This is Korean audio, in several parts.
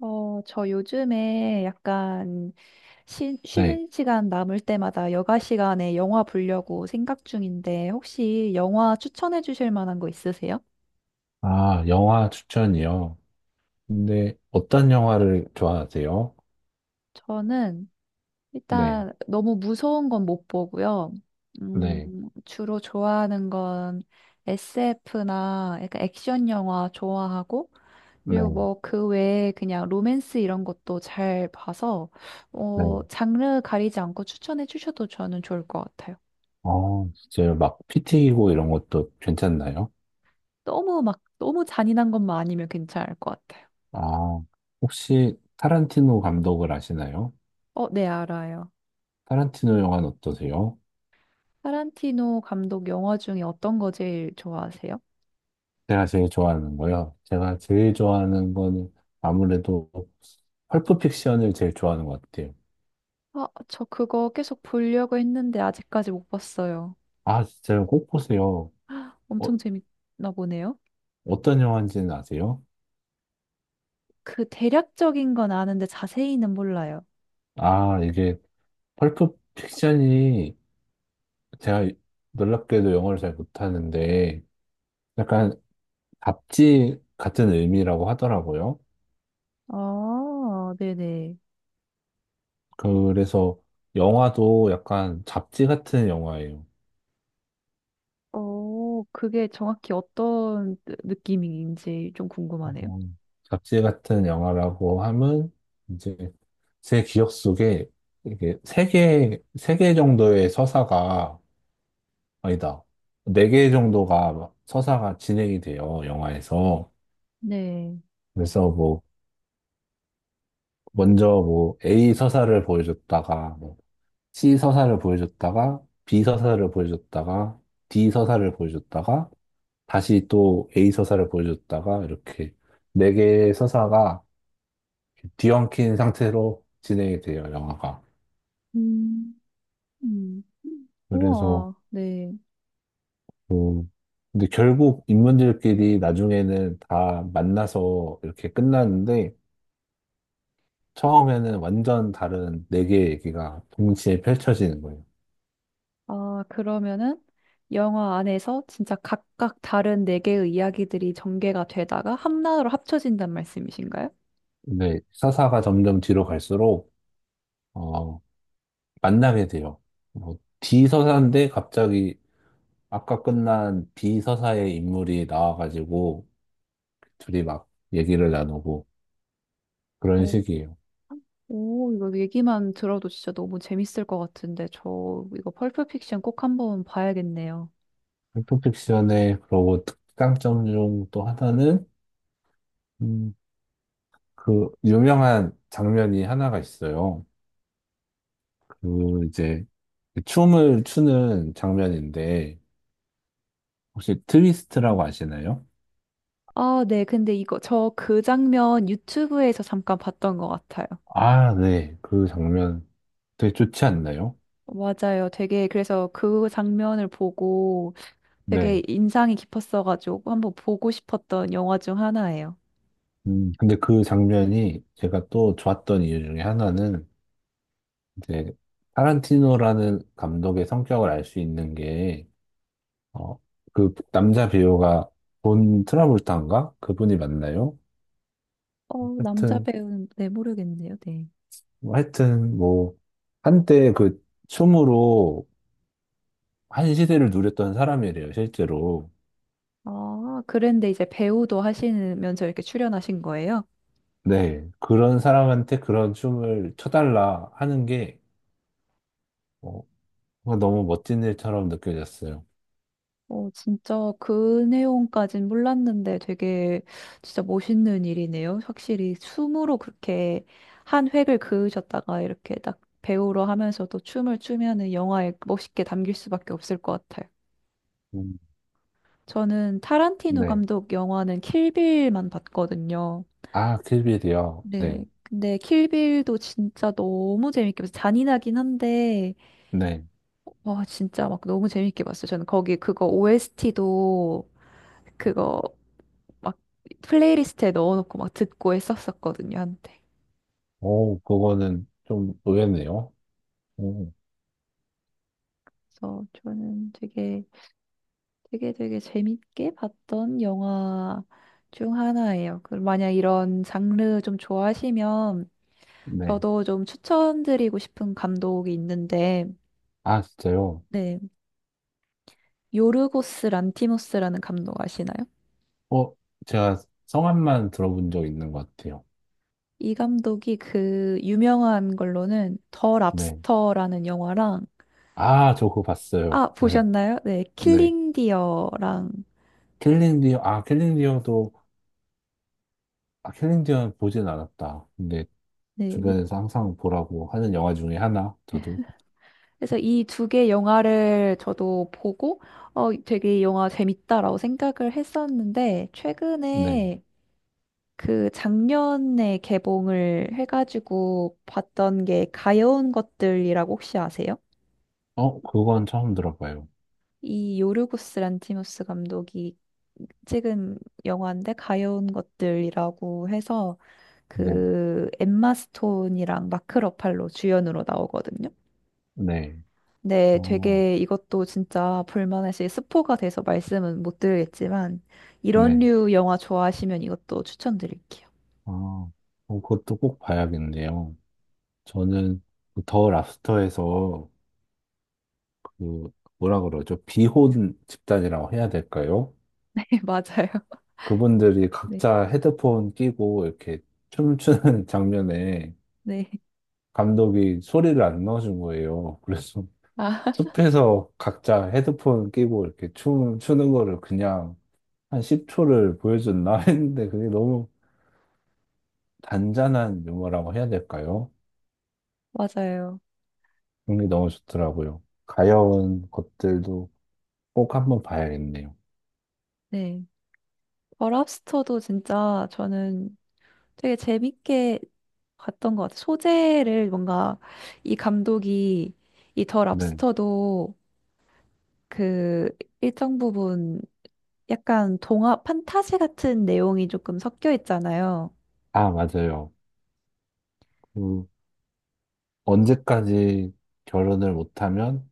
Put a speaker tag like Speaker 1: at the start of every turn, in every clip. Speaker 1: 저 요즘에 약간 쉬,
Speaker 2: 네.
Speaker 1: 쉬는 시간 남을 때마다 여가 시간에 영화 보려고 생각 중인데 혹시 영화 추천해 주실 만한 거 있으세요?
Speaker 2: 아, 영화 추천이요. 근데 어떤 영화를 좋아하세요?
Speaker 1: 저는
Speaker 2: 네,
Speaker 1: 일단 너무 무서운 건 못 보고요. 음,
Speaker 2: 네,
Speaker 1: 주로 좋아하는 건 SF나 약간 액션 영화 좋아하고 그리고
Speaker 2: 네,
Speaker 1: 뭐 그 외에 그냥 로맨스 이런 것도 잘 봐서
Speaker 2: 네.
Speaker 1: 장르 가리지 않고 추천해 주셔도 저는 좋을 것 같아요.
Speaker 2: 어, 진짜요. 막 피 튀기고 이런 것도 괜찮나요?
Speaker 1: 너무 막 너무 잔인한 것만 아니면 괜찮을 것 같아요.
Speaker 2: 아, 혹시 타란티노 감독을 아시나요?
Speaker 1: 어, 네, 알아요.
Speaker 2: 타란티노 영화는 어떠세요?
Speaker 1: 타란티노 감독 영화 중에 어떤 거 제일 좋아하세요?
Speaker 2: 제가 제일 좋아하는 거요.
Speaker 1: 네.
Speaker 2: 제가 제일 좋아하는 거는 아무래도 펄프 픽션을 제일 좋아하는 것 같아요.
Speaker 1: 아, 저 그거 계속 보려고 했는데 아직까지 못 봤어요.
Speaker 2: 아, 진짜요. 꼭 보세요. 어,
Speaker 1: 엄청 재밌나 보네요.
Speaker 2: 어떤 영화인지는 아세요?
Speaker 1: 그 대략적인 건 아는데 자세히는 몰라요.
Speaker 2: 아, 이게 펄프 픽션이 제가 놀랍게도 영어를 잘 못하는데 약간 잡지 같은 의미라고 하더라고요.
Speaker 1: 아, 네네.
Speaker 2: 그래서 영화도 약간 잡지 같은 영화예요.
Speaker 1: 어, 그게 정확히 어떤 느낌인지 좀
Speaker 2: 어,
Speaker 1: 궁금하네요.
Speaker 2: 잡지 같은 영화라고 하면 이제 제 기억 속에 이게 세 개, 세 개 정도의 서사가 아니다. 네 개 정도가 서사가 진행이 돼요, 영화에서.
Speaker 1: 네.
Speaker 2: 그래서 뭐 먼저 뭐 A 서사를 보여줬다가 뭐 C 서사를 보여줬다가 B 서사를 보여줬다가 D 서사를 보여줬다가 다시 또 A 서사를 보여줬다가 이렇게 네 개의 서사가 뒤엉킨 상태로 진행이 돼요, 영화가.
Speaker 1: 음, 음.
Speaker 2: 그래서
Speaker 1: 우와, 네.
Speaker 2: 뭐 근데 결국 인물들끼리 나중에는 다 만나서 이렇게 끝나는데 처음에는 완전 다른 네 개의 얘기가 동시에 펼쳐지는 거예요.
Speaker 1: 아, 그러면은 영화 안에서 진짜 각각 다른 네 개의 이야기들이 전개가 되다가 하나로 합쳐진단 말씀이신가요?
Speaker 2: 근데 서사가 점점 뒤로 갈수록 어, 만나게 돼요. 뭐, D 서사인데 갑자기 아까 끝난 B 서사의 인물이 나와가지고 둘이 막 얘기를 나누고 그런
Speaker 1: 어.
Speaker 2: 식이에요.
Speaker 1: 오, 이거 얘기만 들어도 진짜 너무 재밌을 것 같은데 저 이거 펄프 픽션 꼭 한번 봐야겠네요.
Speaker 2: 셀프픽션의 그러고 특강점 중 또 하나는 음, 그 유명한 장면이 하나가 있어요. 그 이제 춤을 추는 장면인데 혹시 트위스트라고 아시나요?
Speaker 1: 아, 네. 근데 이거 저 그 장면 유튜브에서 잠깐 봤던 것 같아요.
Speaker 2: 아, 네. 그 장면 되게 좋지 않나요?
Speaker 1: 맞아요. 되게 그래서 그 장면을 보고 되게
Speaker 2: 네.
Speaker 1: 인상이 깊었어가지고 한번 보고 싶었던 영화 중 하나예요.
Speaker 2: 근데 그 장면이 제가 또 좋았던 이유 중에 하나는 이제 타란티노라는 감독의 성격을 알 수 있는 게, 어, 그 남자 배우가 본 트라볼타인가? 그분이 맞나요?
Speaker 1: 어, 남자
Speaker 2: 하여튼,
Speaker 1: 배우는 네, 모르겠네요. 네.
Speaker 2: 하여튼, 뭐 한때 그 춤으로 한 시대를 누렸던 사람이래요, 실제로.
Speaker 1: 아, 그런데 이제 배우도 하시면서 이렇게 출연하신 거예요?
Speaker 2: 네, 그런 사람한테 그런 춤을 춰달라 하는 게 어, 너무 멋진 일처럼 느껴졌어요.
Speaker 1: 어, 진짜 그 내용까진 몰랐는데 되게 진짜 멋있는 일이네요. 확실히 춤으로 그렇게 한 획을 그으셨다가 이렇게 딱 배우로 하면서도 춤을 추면은 영화에 멋있게 담길 수밖에 없을 것 같아요.
Speaker 2: 음,
Speaker 1: 저는 타란티노
Speaker 2: 네.
Speaker 1: 감독 영화는 킬빌만 봤거든요.
Speaker 2: 아, 킬빌이요.
Speaker 1: 네.
Speaker 2: 네.
Speaker 1: 근데 킬빌도 진짜 너무 재밌게 봐서 잔인하긴 한데
Speaker 2: 네.
Speaker 1: 와, 진짜 막 너무 재밌게 봤어요. 저는 거기 그거 OST도 그거 막 플레이리스트에 넣어놓고 막 듣고 했었었거든요, 한때.
Speaker 2: 오, 그거는 좀 의외네요. 오,
Speaker 1: 그래서 저는 되게 되게 되게 재밌게 봤던 영화 중 하나예요. 그 만약 이런 장르 좀 좋아하시면
Speaker 2: 네.
Speaker 1: 저도 좀 추천드리고 싶은 감독이 있는데,
Speaker 2: 아, 진짜요?
Speaker 1: 네, 요르고스 란티모스라는 감독 아시나요?
Speaker 2: 어, 제가 성함만 들어본 적 있는 것 같아요.
Speaker 1: 이 감독이 그 유명한 걸로는 더
Speaker 2: 네.
Speaker 1: 랍스터라는 영화랑
Speaker 2: 아, 저 그거 봤어요.
Speaker 1: 아,
Speaker 2: 네.
Speaker 1: 보셨나요? 네,
Speaker 2: 네.
Speaker 1: 킬링 디어랑
Speaker 2: 킬링 디어, 아, 킬링 디어도, 아, 킬링 디어는 보진 않았다. 근데
Speaker 1: 네.
Speaker 2: 주변에서 항상 보라고 하는 영화 중에 하나, 저도.
Speaker 1: 그래서 이 두 개 영화를 저도 보고 어 되게 이 영화 재밌다라고 생각을 했었는데
Speaker 2: 네.
Speaker 1: 최근에 그 작년에 개봉을 해가지고 봤던 게 가여운 것들이라고 혹시 아세요?
Speaker 2: 그건 처음 들어봐요.
Speaker 1: 이 요르고스 란티모스 감독이 찍은 영화인데 가여운 것들이라고 해서
Speaker 2: 네.
Speaker 1: 그 엠마 스톤이랑 마크 러팔로 주연으로 나오거든요.
Speaker 2: 네.
Speaker 1: 네,
Speaker 2: 어,
Speaker 1: 되게 이것도 진짜 볼만하실 스포가 돼서 말씀은 못 드리겠지만 이런
Speaker 2: 네.
Speaker 1: 류 영화 좋아하시면 이것도 추천드릴게요.
Speaker 2: 아, 그것도 꼭 봐야겠네요. 저는 그더 랍스터에서 그 뭐라 그러죠? 비혼 집단이라고 해야 될까요?
Speaker 1: 네, 맞아요.
Speaker 2: 그분들이
Speaker 1: 네,
Speaker 2: 각자 헤드폰 끼고 이렇게 춤추는 장면에
Speaker 1: 네,
Speaker 2: 감독이 소리를 안 넣어준 거예요. 그래서
Speaker 1: 아,
Speaker 2: 숲에서 각자 헤드폰 끼고 이렇게 춤 추는 거를 그냥 한 10초를 보여줬나 했는데 그게 너무 단짠한 유머라고 해야 될까요?
Speaker 1: 맞아요.
Speaker 2: 그게 너무 좋더라고요. 가여운 것들도 꼭 한번 봐야겠네요.
Speaker 1: 네, 버랍스터도 진짜 저는 되게 재밌게 봤던 것 같아요. 소재를 뭔가 이 감독이 이 더
Speaker 2: 네.
Speaker 1: 랍스터도 그 일정 부분 약간 동화 판타지 같은 내용이 조금 섞여 있잖아요.
Speaker 2: 아, 맞아요. 그, 언제까지 결혼을 못하면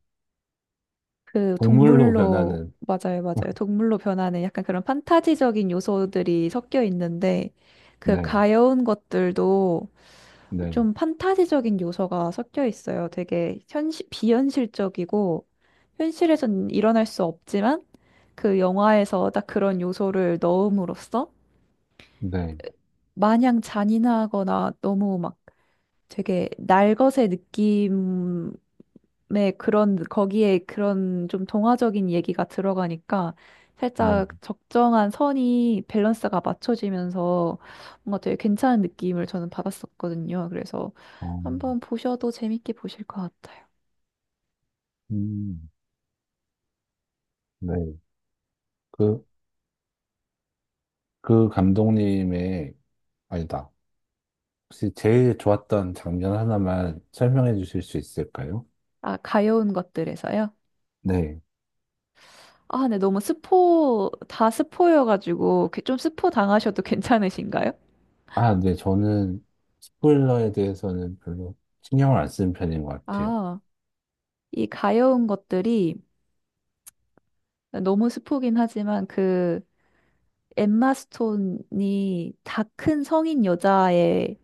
Speaker 1: 그
Speaker 2: 동물로
Speaker 1: 동물로
Speaker 2: 변하는,
Speaker 1: 맞아요, 맞아요. 동물로 변하는 약간 그런 판타지적인 요소들이 섞여 있는데 그
Speaker 2: 네,
Speaker 1: 가여운 것들도
Speaker 2: 네,
Speaker 1: 좀 판타지적인 요소가 섞여 있어요. 되게 현실 비현실적이고 현실에선 일어날 수 없지만 그 영화에서 딱 그런 요소를 넣음으로써
Speaker 2: 네,
Speaker 1: 마냥 잔인하거나 너무 막 되게 날것의 느낌 네, 그런, 거기에 그런 좀 동화적인 얘기가 들어가니까
Speaker 2: 네,
Speaker 1: 살짝 적정한 선이 밸런스가 맞춰지면서 뭔가 되게 괜찮은 느낌을 저는 받았었거든요. 그래서
Speaker 2: 어,
Speaker 1: 한번 보셔도 재밌게 보실 것 같아요.
Speaker 2: 음, 네. 그, 그 감독님의, 아니다. 혹시 제일 좋았던 장면 하나만 설명해 주실 수 있을까요?
Speaker 1: 아, 가여운 것들에서요?
Speaker 2: 네.
Speaker 1: 아, 네, 너무 스포, 다 스포여가지고 그좀 스포 당하셔도 괜찮으신가요?
Speaker 2: 아, 네. 저는 스포일러에 대해서는 별로 신경을 안 쓰는 편인 것 같아요.
Speaker 1: 아, 이 가여운 것들이 너무 스포긴 하지만 그 엠마 스톤이 다 큰 성인 여자의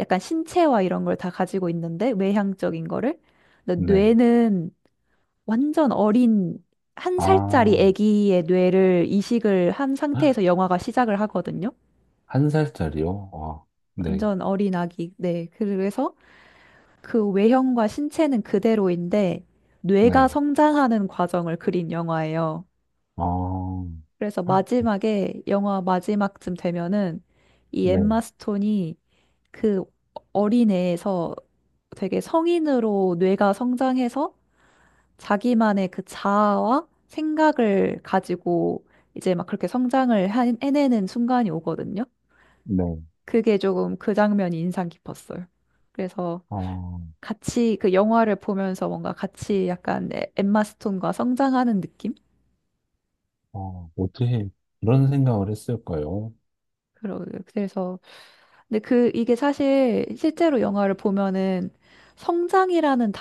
Speaker 1: 약간 신체와 이런 걸 다 가지고 있는데 외향적인 거를 근데
Speaker 2: 네.
Speaker 1: 뇌는 완전 어린 한 살짜리
Speaker 2: 아,
Speaker 1: 아기의 뇌를 이식을 한 상태에서 영화가 시작을 하거든요.
Speaker 2: 1살짜리요? 아, 네.
Speaker 1: 완전 어린 아기. 네. 그래서 그 외형과 신체는 그대로인데 뇌가
Speaker 2: 네.
Speaker 1: 성장하는 과정을 그린 영화예요.
Speaker 2: 아,
Speaker 1: 그래서 마지막에 영화 마지막쯤 되면은 이
Speaker 2: 네,
Speaker 1: 엠마 스톤이 그 어린애에서 되게 성인으로 뇌가 성장해서 자기만의 그 자아와 생각을 가지고 이제 막 그렇게 성장을 해내는 순간이 오거든요.
Speaker 2: 네.
Speaker 1: 그게 조금 그 장면이 인상 깊었어요. 그래서
Speaker 2: 아,
Speaker 1: 같이 그 영화를 보면서 뭔가 같이 약간 엠마 스톤과 성장하는 느낌?
Speaker 2: 아, 어떻게 그런 생각을 했을까요?
Speaker 1: 그러 그래서 근데 그 이게 사실 실제로 영화를 보면은 성장이라는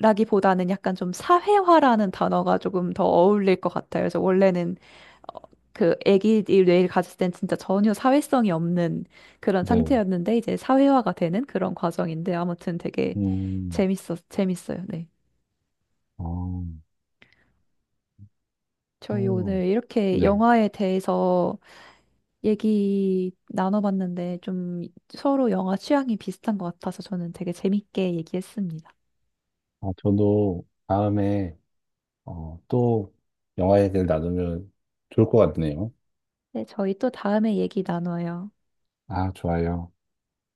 Speaker 1: 단어라기보다는 약간 좀 사회화라는 단어가 조금 더 어울릴 것 같아요. 그래서 원래는 어, 그 아기의 뇌를 가졌을 땐 진짜 전혀 사회성이 없는 그런
Speaker 2: 네,
Speaker 1: 상태였는데 이제 사회화가 되는 그런 과정인데 아무튼 되게
Speaker 2: 음,
Speaker 1: 재밌었 재밌어요. 네.
Speaker 2: 아,
Speaker 1: 저희
Speaker 2: 어,
Speaker 1: 오늘 이렇게
Speaker 2: 네.
Speaker 1: 영화에 대해서 얘기 나눠봤는데 좀 서로 영화 취향이 비슷한 것 같아서 저는 되게 재밌게 얘기했습니다.
Speaker 2: 아, 저도 다음에 또 영화에 대해 나누면 좋을 것 같네요.
Speaker 1: 네, 저희 또 다음에 얘기 나눠요.
Speaker 2: 아, 좋아요.